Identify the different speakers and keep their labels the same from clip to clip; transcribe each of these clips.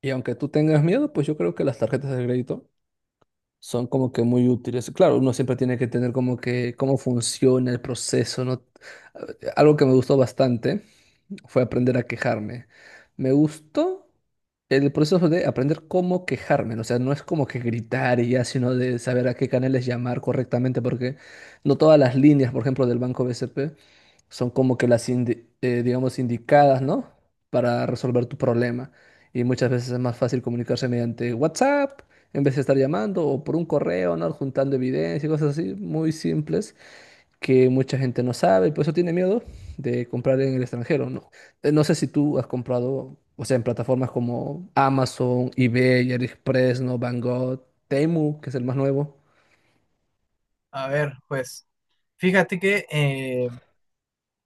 Speaker 1: Y aunque tú tengas miedo, pues yo creo que las tarjetas de crédito son como que muy útiles. Claro, uno siempre tiene que tener como que cómo funciona el proceso, ¿no? Algo que me gustó bastante fue aprender a quejarme. Me gustó el proceso de aprender cómo quejarme, ¿no? O sea, no es como que gritar y ya, sino de saber a qué canales llamar correctamente, porque no todas las líneas, por ejemplo, del Banco BCP son como que las, digamos, indicadas, ¿no? Para resolver tu problema. Y muchas veces es más fácil comunicarse mediante WhatsApp, en vez de estar llamando o por un correo, ¿no? Juntando evidencia y cosas así, muy simples que mucha gente no sabe y por eso tiene miedo de comprar en el extranjero, ¿no? No sé si tú has comprado, o sea, en plataformas como Amazon, eBay, AliExpress, ¿no? Banggood, Temu, que es el más nuevo.
Speaker 2: A ver, pues fíjate que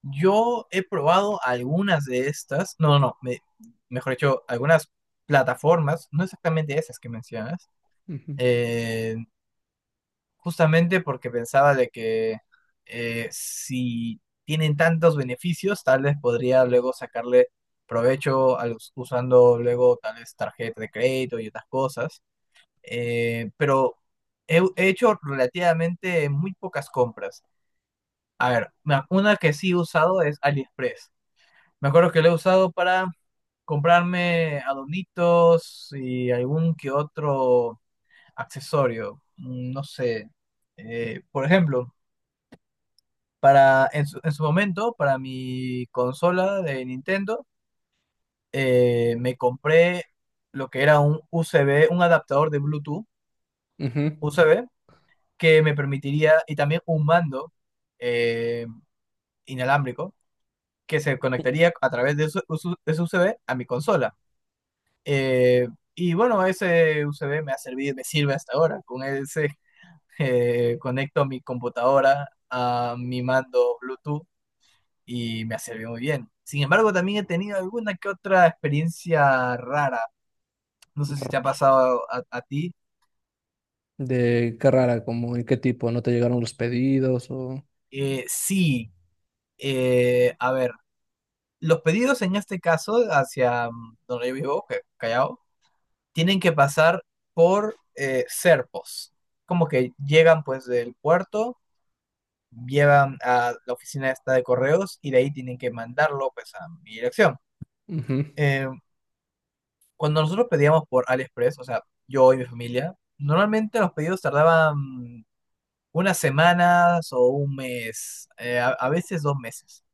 Speaker 2: yo he probado algunas de estas, no, no, no, me- mejor dicho, algunas plataformas, no exactamente esas que mencionas.
Speaker 1: Ujú.
Speaker 2: eh, Justamente porque pensaba de que si tienen tantos beneficios, tal vez podría luego sacarle provecho usando luego tal vez tarjeta de crédito y otras cosas. Pero he hecho relativamente muy pocas compras. A ver, una que sí he usado es AliExpress. Me acuerdo que lo he usado para comprarme adornitos y algún que otro accesorio. No sé. Por ejemplo, para en su momento, para mi consola de Nintendo, me compré lo que era un USB, un adaptador de Bluetooth
Speaker 1: Ujú.
Speaker 2: USB, que me permitiría, y también un mando eh, inalámbrico que se conectaría a través de, de su USB a mi consola. Eh, y bueno, ese USB me ha servido, me sirve hasta ahora. Con ese conecto mi computadora a mi mando Bluetooth y me ha servido muy bien. Sin embargo, también he tenido alguna que otra experiencia rara. No sé si te ha pasado a ti.
Speaker 1: ¿De qué rara? Como en qué tipo? ¿No te llegaron los pedidos o...?
Speaker 2: Sí, a ver, los pedidos en este caso hacia donde yo vivo, Callao, tienen que pasar por Serpos. Como que llegan pues del puerto, llevan a la oficina esta de correos y de ahí tienen que mandarlo pues a mi dirección.
Speaker 1: Ujú.
Speaker 2: Eh, Cuando nosotros pedíamos por AliExpress, o sea, yo y mi familia, normalmente los pedidos tardaban unas semanas o un mes, veces dos meses.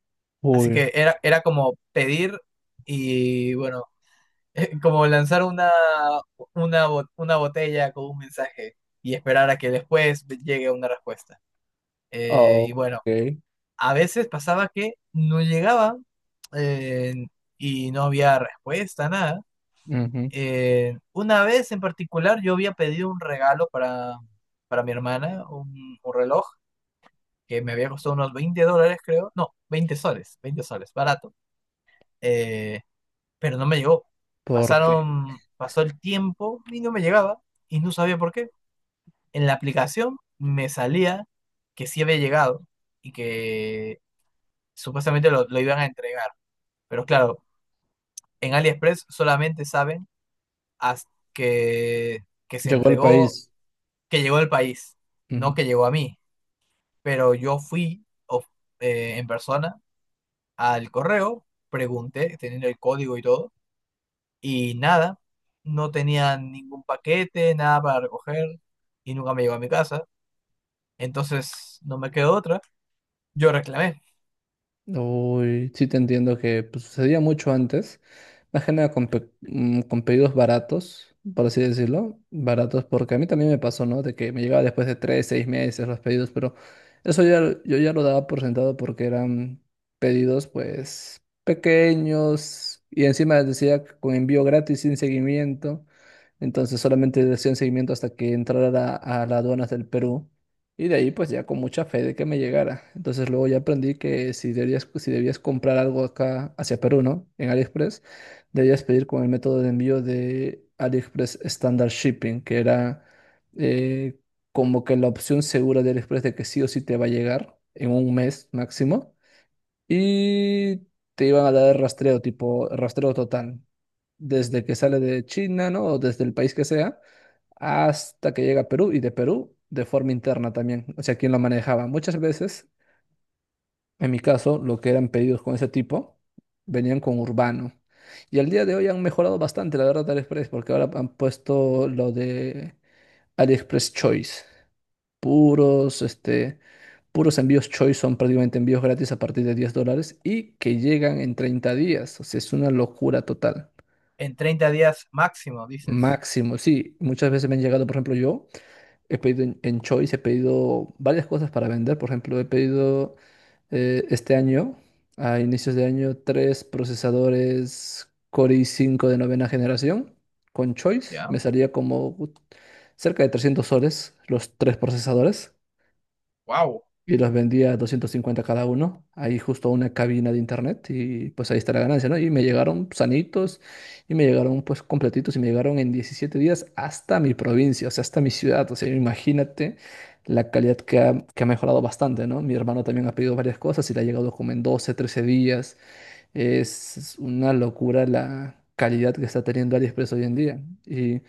Speaker 2: Así que
Speaker 1: Uy,
Speaker 2: era como pedir y bueno, como lanzar una botella con un mensaje y esperar a que después llegue una respuesta.
Speaker 1: ah,
Speaker 2: Y
Speaker 1: ok.
Speaker 2: bueno, a veces pasaba que no llegaba eh, y no había respuesta, nada.
Speaker 1: Ujú.
Speaker 2: Una vez en particular yo había pedido un regalo para mi hermana, un reloj que me había costado unos 20 dólares, creo. No, 20 soles, 20 soles, barato. Eh, pero no me llegó.
Speaker 1: ¿Por qué?
Speaker 2: Pasó el tiempo y no me llegaba y no sabía por qué. En la aplicación me salía que sí había llegado y que supuestamente lo iban a entregar. Pero claro, en AliExpress solamente saben hasta que se
Speaker 1: Llegó al
Speaker 2: entregó,
Speaker 1: país.
Speaker 2: que llegó al país, no que llegó a mí. Pero yo fui en persona al correo, pregunté, teniendo el código y todo, y nada, no tenía ningún paquete, nada para recoger y nunca me llegó a mi casa. Entonces no me quedó otra. Yo reclamé.
Speaker 1: Uy, sí te entiendo, que pues sucedía mucho antes, más que nada con, con pedidos baratos, por así decirlo. Baratos porque a mí también me pasó, ¿no? De que me llegaba después de 3, 6 meses los pedidos, pero eso ya, yo ya lo daba por sentado porque eran pedidos pues pequeños y encima decía con envío gratis sin seguimiento, entonces solamente decían seguimiento hasta que entrara a las aduanas del Perú. Y de ahí pues ya con mucha fe de que me llegara. Entonces luego ya aprendí que si debías comprar algo acá hacia Perú, ¿no? En AliExpress, debías pedir con el método de envío de AliExpress Standard Shipping, que era eh, como que la opción segura de AliExpress de que sí o sí te va a llegar en un mes máximo y te iban a dar rastreo, tipo rastreo total, desde que sale de China, ¿no? O desde el país que sea, hasta que llega a Perú y de Perú de forma interna también, o sea, quién lo manejaba. Muchas veces, en mi caso, lo que eran pedidos con ese tipo venían con Urbano. Y al día de hoy han mejorado bastante, la verdad, AliExpress, porque ahora han puesto lo de AliExpress Choice, puros, este, puros envíos Choice. Son prácticamente envíos gratis a partir de 10 dólares y que llegan en 30 días. O sea, es una locura total.
Speaker 2: ¿En 30 días máximo, dices?
Speaker 1: Máximo, sí. Muchas veces me han llegado. Por ejemplo, yo he pedido en Choice, he pedido varias cosas para vender. Por ejemplo, he pedido este año, a inicios de año, tres procesadores Core i5 de novena generación con Choice. Me
Speaker 2: Ya.
Speaker 1: salía como cerca de 300 soles los tres procesadores.
Speaker 2: Wow.
Speaker 1: Y los vendía 250 cada uno, ahí justo a una cabina de internet, y pues ahí está la ganancia, ¿no? Y me llegaron sanitos y me llegaron pues completitos y me llegaron en 17 días hasta mi provincia, o sea, hasta mi ciudad. O sea, imagínate la calidad que ha mejorado bastante, ¿no? Mi hermano también ha pedido varias cosas y le ha llegado como en 12, 13 días. Es una locura la calidad que está teniendo AliExpress hoy en día y...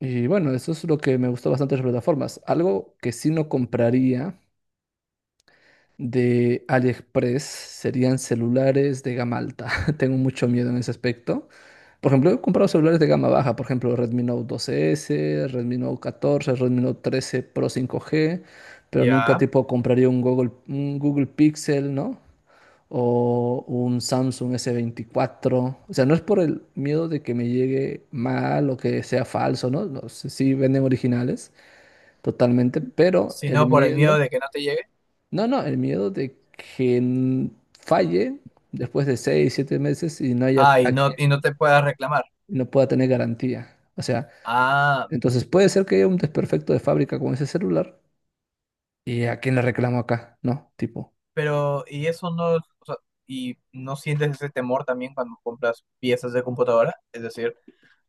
Speaker 1: Y bueno, eso es lo que me gustó bastante de las plataformas. Algo que sí no compraría de AliExpress serían celulares de gama alta. Tengo mucho miedo en ese aspecto. Por ejemplo, he comprado celulares de gama baja, por ejemplo, Redmi Note 12S, Redmi Note 14, Redmi Note 13 Pro 5G, pero nunca
Speaker 2: Ya.
Speaker 1: tipo compraría un Google Pixel, ¿no? O un Samsung S24. O sea, no es por el miedo de que me llegue mal o que sea falso, ¿no? No sé, sí venden originales, totalmente, pero
Speaker 2: Si
Speaker 1: el
Speaker 2: no, por el miedo
Speaker 1: miedo,
Speaker 2: de que no te llegue.
Speaker 1: no, no, el miedo de que falle después de 6, 7 meses y no haya
Speaker 2: Ah,
Speaker 1: a quien,
Speaker 2: y no te puedas reclamar.
Speaker 1: no pueda tener garantía. O sea,
Speaker 2: Ah,
Speaker 1: entonces puede ser que haya un desperfecto de fábrica con ese celular y a quién le reclamo acá, ¿no? Tipo,
Speaker 2: pero, y eso no, o sea, ¿y no sientes ese temor también cuando compras piezas de computadora? Es decir,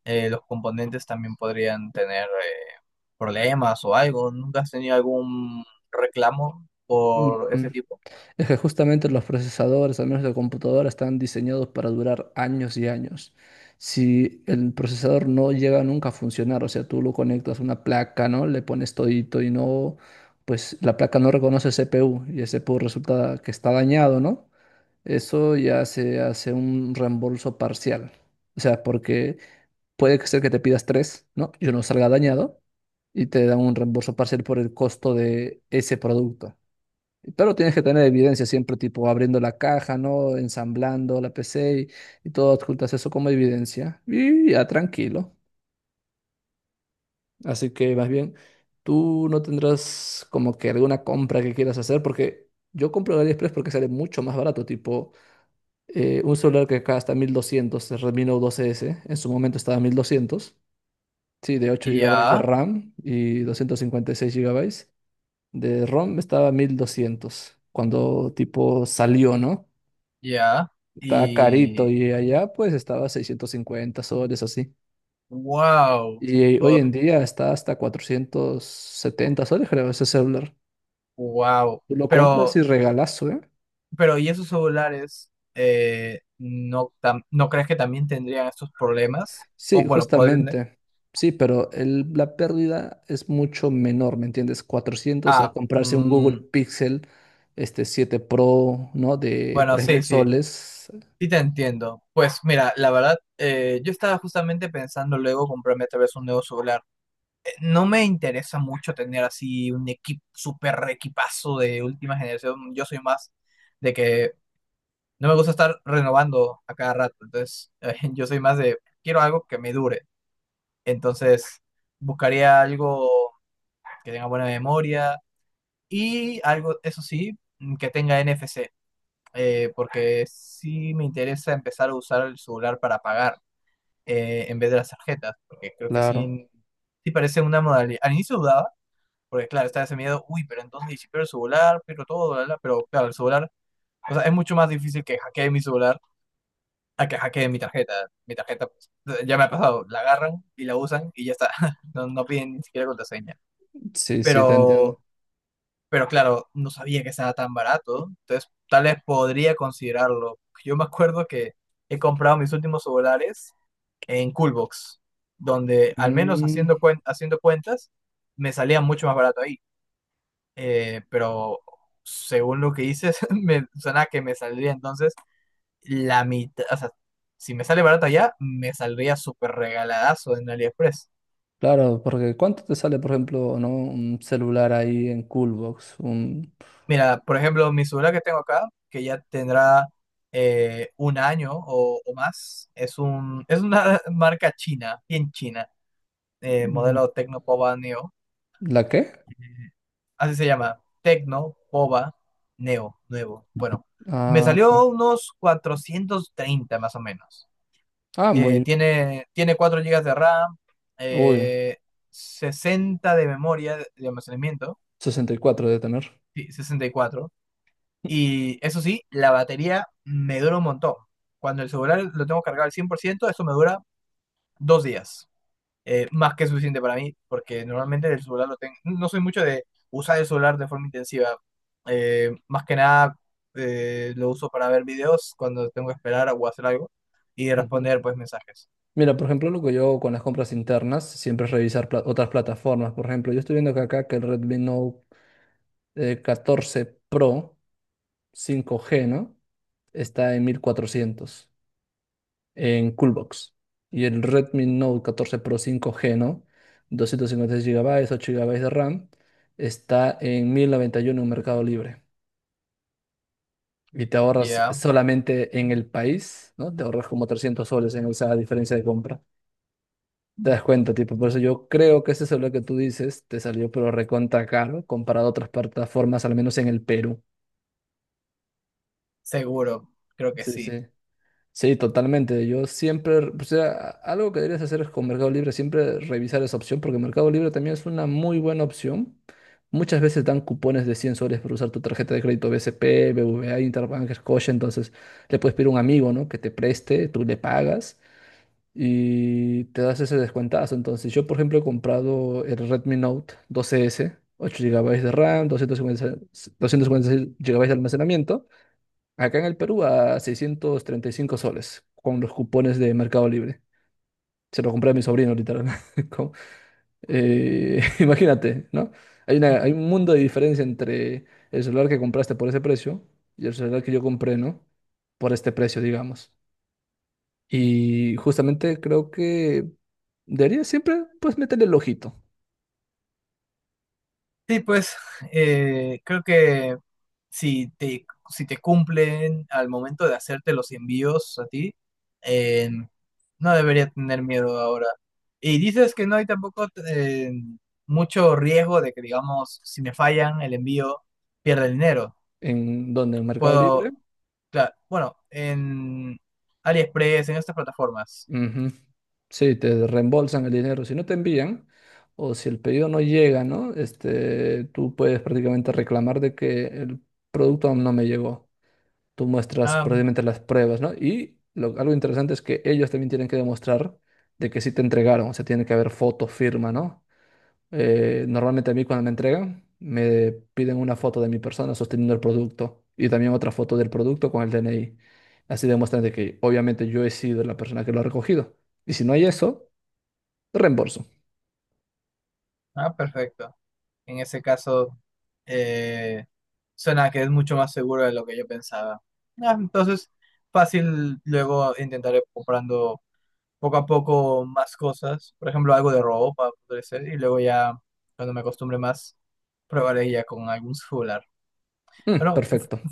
Speaker 2: los componentes también podrían tener problemas o algo. ¿Nunca has tenido algún reclamo por ese tipo?
Speaker 1: es que justamente los procesadores, al menos de computadora, están diseñados para durar años y años. Si el procesador no llega nunca a funcionar, o sea, tú lo conectas a una placa, ¿no? Le pones todito y no, pues la placa no reconoce CPU y el CPU resulta que está dañado, ¿no? Eso ya se hace un reembolso parcial. O sea, porque puede que sea que te pidas tres, ¿no? Y uno salga dañado y te dan un reembolso parcial por el costo de ese producto. Pero tienes que tener evidencia siempre, tipo abriendo la caja, ¿no? Ensamblando la PC y todo, adjuntas eso como evidencia. Y ya tranquilo. Así que más bien, tú no tendrás como que alguna compra que quieras hacer, porque yo compro en AliExpress porque sale mucho más barato. Tipo un celular que acá 1200 el Redmi Note 12S, en su momento estaba 1200, sí, de 8 gigabytes de
Speaker 2: Ya,
Speaker 1: RAM y 256 gigabytes de ROM, estaba 1200 cuando tipo salió, ¿no?
Speaker 2: ya.
Speaker 1: Está carito,
Speaker 2: Y
Speaker 1: y allá pues estaba 650 soles así.
Speaker 2: wow,
Speaker 1: Y hoy en día está hasta 470 soles, creo, ese celular.
Speaker 2: wow.
Speaker 1: Tú lo compras
Speaker 2: Pero,
Speaker 1: y regalazo, ¿eh?
Speaker 2: pero ¿y esos celulares no crees que también tendrían estos problemas?
Speaker 1: Sí,
Speaker 2: O bueno, podrían tener.
Speaker 1: justamente. Sí, pero la pérdida es mucho menor, ¿me entiendes? 400 a
Speaker 2: Ah,
Speaker 1: comprarse un Google Pixel 7 Pro, ¿no? De
Speaker 2: bueno,
Speaker 1: tres
Speaker 2: sí,
Speaker 1: mil
Speaker 2: sí.
Speaker 1: soles.
Speaker 2: Sí te entiendo. Pues mira, la verdad, yo estaba justamente pensando luego comprarme tal vez un nuevo celular. No me interesa mucho tener así un equipo super equipazo de última generación. Yo soy más de que no me gusta estar renovando a cada rato. Entonces, yo soy más de quiero algo que me dure. Entonces, buscaría algo que tenga buena memoria y algo, eso sí, que tenga NFC. Porque sí me interesa empezar a usar el celular para pagar en vez de las tarjetas. Porque creo que
Speaker 1: Claro.
Speaker 2: sí, sí parece una modalidad. Al inicio dudaba, porque claro, está ese miedo, uy, pero entonces y si pierdo el celular, pierdo todo, bla, bla, pero claro, el celular, o sea, es mucho más difícil que hackee mi celular a que hackeen mi tarjeta. Mi tarjeta, pues, ya me ha pasado, la agarran y la usan y ya está. No, no piden ni siquiera contraseña.
Speaker 1: Sí, sí, te entiendo.
Speaker 2: Pero, pero claro, no sabía que estaba tan barato, entonces tal vez podría considerarlo. Yo me acuerdo que he comprado mis últimos celulares en Coolbox, donde al menos
Speaker 1: Mm,
Speaker 2: haciendo cuentas me salía mucho más barato ahí. Pero según lo que dices, me suena que me saldría entonces la mitad, o sea, si me sale barato allá, me saldría súper regaladazo en AliExpress.
Speaker 1: Claro, porque ¿cuánto te sale, por ejemplo, ¿no?, un celular ahí en Coolbox? Un...
Speaker 2: Mira, por ejemplo, mi celular que tengo acá, que ya tendrá un año o más, es una marca china, bien china,
Speaker 1: un-
Speaker 2: modelo Tecnopova Neo,
Speaker 1: ¿La qué?
Speaker 2: así se llama, Tecno Pova Neo, nuevo. Bueno, me
Speaker 1: Ah,
Speaker 2: salió
Speaker 1: ok.
Speaker 2: unos 430 más o menos.
Speaker 1: Ah, muy...
Speaker 2: Tiene 4 gigas de RAM,
Speaker 1: Uy,
Speaker 2: eh, 60 de memoria de almacenamiento,
Speaker 1: 64 debe tener.
Speaker 2: sí, 64. Y cuatro. Y eso sí, la batería me dura un montón. Cuando el celular lo tengo cargado al 100% eso me dura 2 días. Más que suficiente para mí, porque normalmente el celular lo tengo. No soy mucho de usar el celular de forma intensiva. Más que nada lo uso para ver videos cuando tengo que esperar o hacer algo y
Speaker 1: Ujú.
Speaker 2: responder pues mensajes.
Speaker 1: Mira, por ejemplo, lo que yo hago con las compras internas siempre es revisar otras plataformas. Por ejemplo, yo estoy viendo que acá que el Redmi Note 14 Pro 5G, ¿no? Está en 1400 en Coolbox. Y el Redmi Note 14 Pro 5G, ¿no?, 256 gigabytes, 8 gigabytes de RAM, está en 1091 en Mercado Libre. Y te ahorras
Speaker 2: Ya.
Speaker 1: solamente en el país, ¿no? Te ahorras como 300 soles en esa diferencia de compra. Te das cuenta, tipo, por eso yo creo que ese celular que tú dices te salió pero recontra caro comparado a otras plataformas, al menos en el Perú.
Speaker 2: Seguro, creo que
Speaker 1: Sí,
Speaker 2: sí.
Speaker 1: sí. Sí, totalmente. Yo siempre, o sea, algo que deberías hacer es con Mercado Libre, siempre revisar esa opción, porque Mercado Libre también es una muy buena opción. Muchas veces dan cupones de 100 soles por usar tu tarjeta de crédito BCP, BBVA, Interbank, Scotia, entonces le puedes pedir a un amigo, ¿no? Que te preste, tú le pagas y te das ese descuentazo. Entonces yo, por ejemplo, he comprado el Redmi Note 12S, 8 GB de RAM, 256 256 GB de almacenamiento. Acá en el Perú a 635 soles con los cupones de Mercado Libre. Se lo compré a mi sobrino, literal. Con- imagínate, ¿no? Hay un mundo de diferencia entre el celular que compraste por ese precio y el celular que yo compré, ¿no? Por este precio, digamos. Y justamente creo que debería siempre, pues, meterle el ojito.
Speaker 2: Sí, pues creo que si te, si te cumplen al momento de hacerte los envíos a ti, eh, no debería tener miedo ahora. Y dices que no hay tampoco mucho riesgo de que, digamos, si me fallan el envío, pierda el dinero.
Speaker 1: ¿En donde en Mercado Libre.
Speaker 2: Puedo, claro, bueno, en AliExpress, en estas plataformas.
Speaker 1: Ujú. Sí, te reembolsan el dinero. Si no te envían, o si el pedido no llega, ¿no? Este, tú puedes prácticamente reclamar de que el producto aún no me llegó. Tú muestras
Speaker 2: Ah,
Speaker 1: prácticamente las pruebas, ¿no? Y algo interesante es que ellos también tienen que demostrar de que sí te entregaron. O sea, tiene que haber foto, firma, ¿no? Normalmente a mí cuando me entregan me piden una foto de mi persona sosteniendo el producto y también otra foto del producto con el DNI. Así demuestran de que obviamente yo he sido la persona que lo ha recogido. Y si no hay eso, reembolso.
Speaker 2: ah, perfecto. En ese caso, eh, suena que es mucho más seguro de lo que yo pensaba. Ah, entonces, fácil luego intentaré comprando poco a poco más cosas. Por ejemplo, algo de ropa, podría ser. Y luego ya, cuando me acostumbre más, probaré ya con algún celular.
Speaker 1: Mm,
Speaker 2: Bueno,
Speaker 1: perfecto.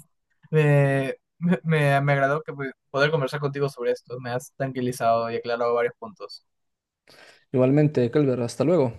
Speaker 2: me agradó que poder conversar contigo sobre esto. Me has tranquilizado y aclarado varios puntos.
Speaker 1: Igualmente, Kelber, hasta luego.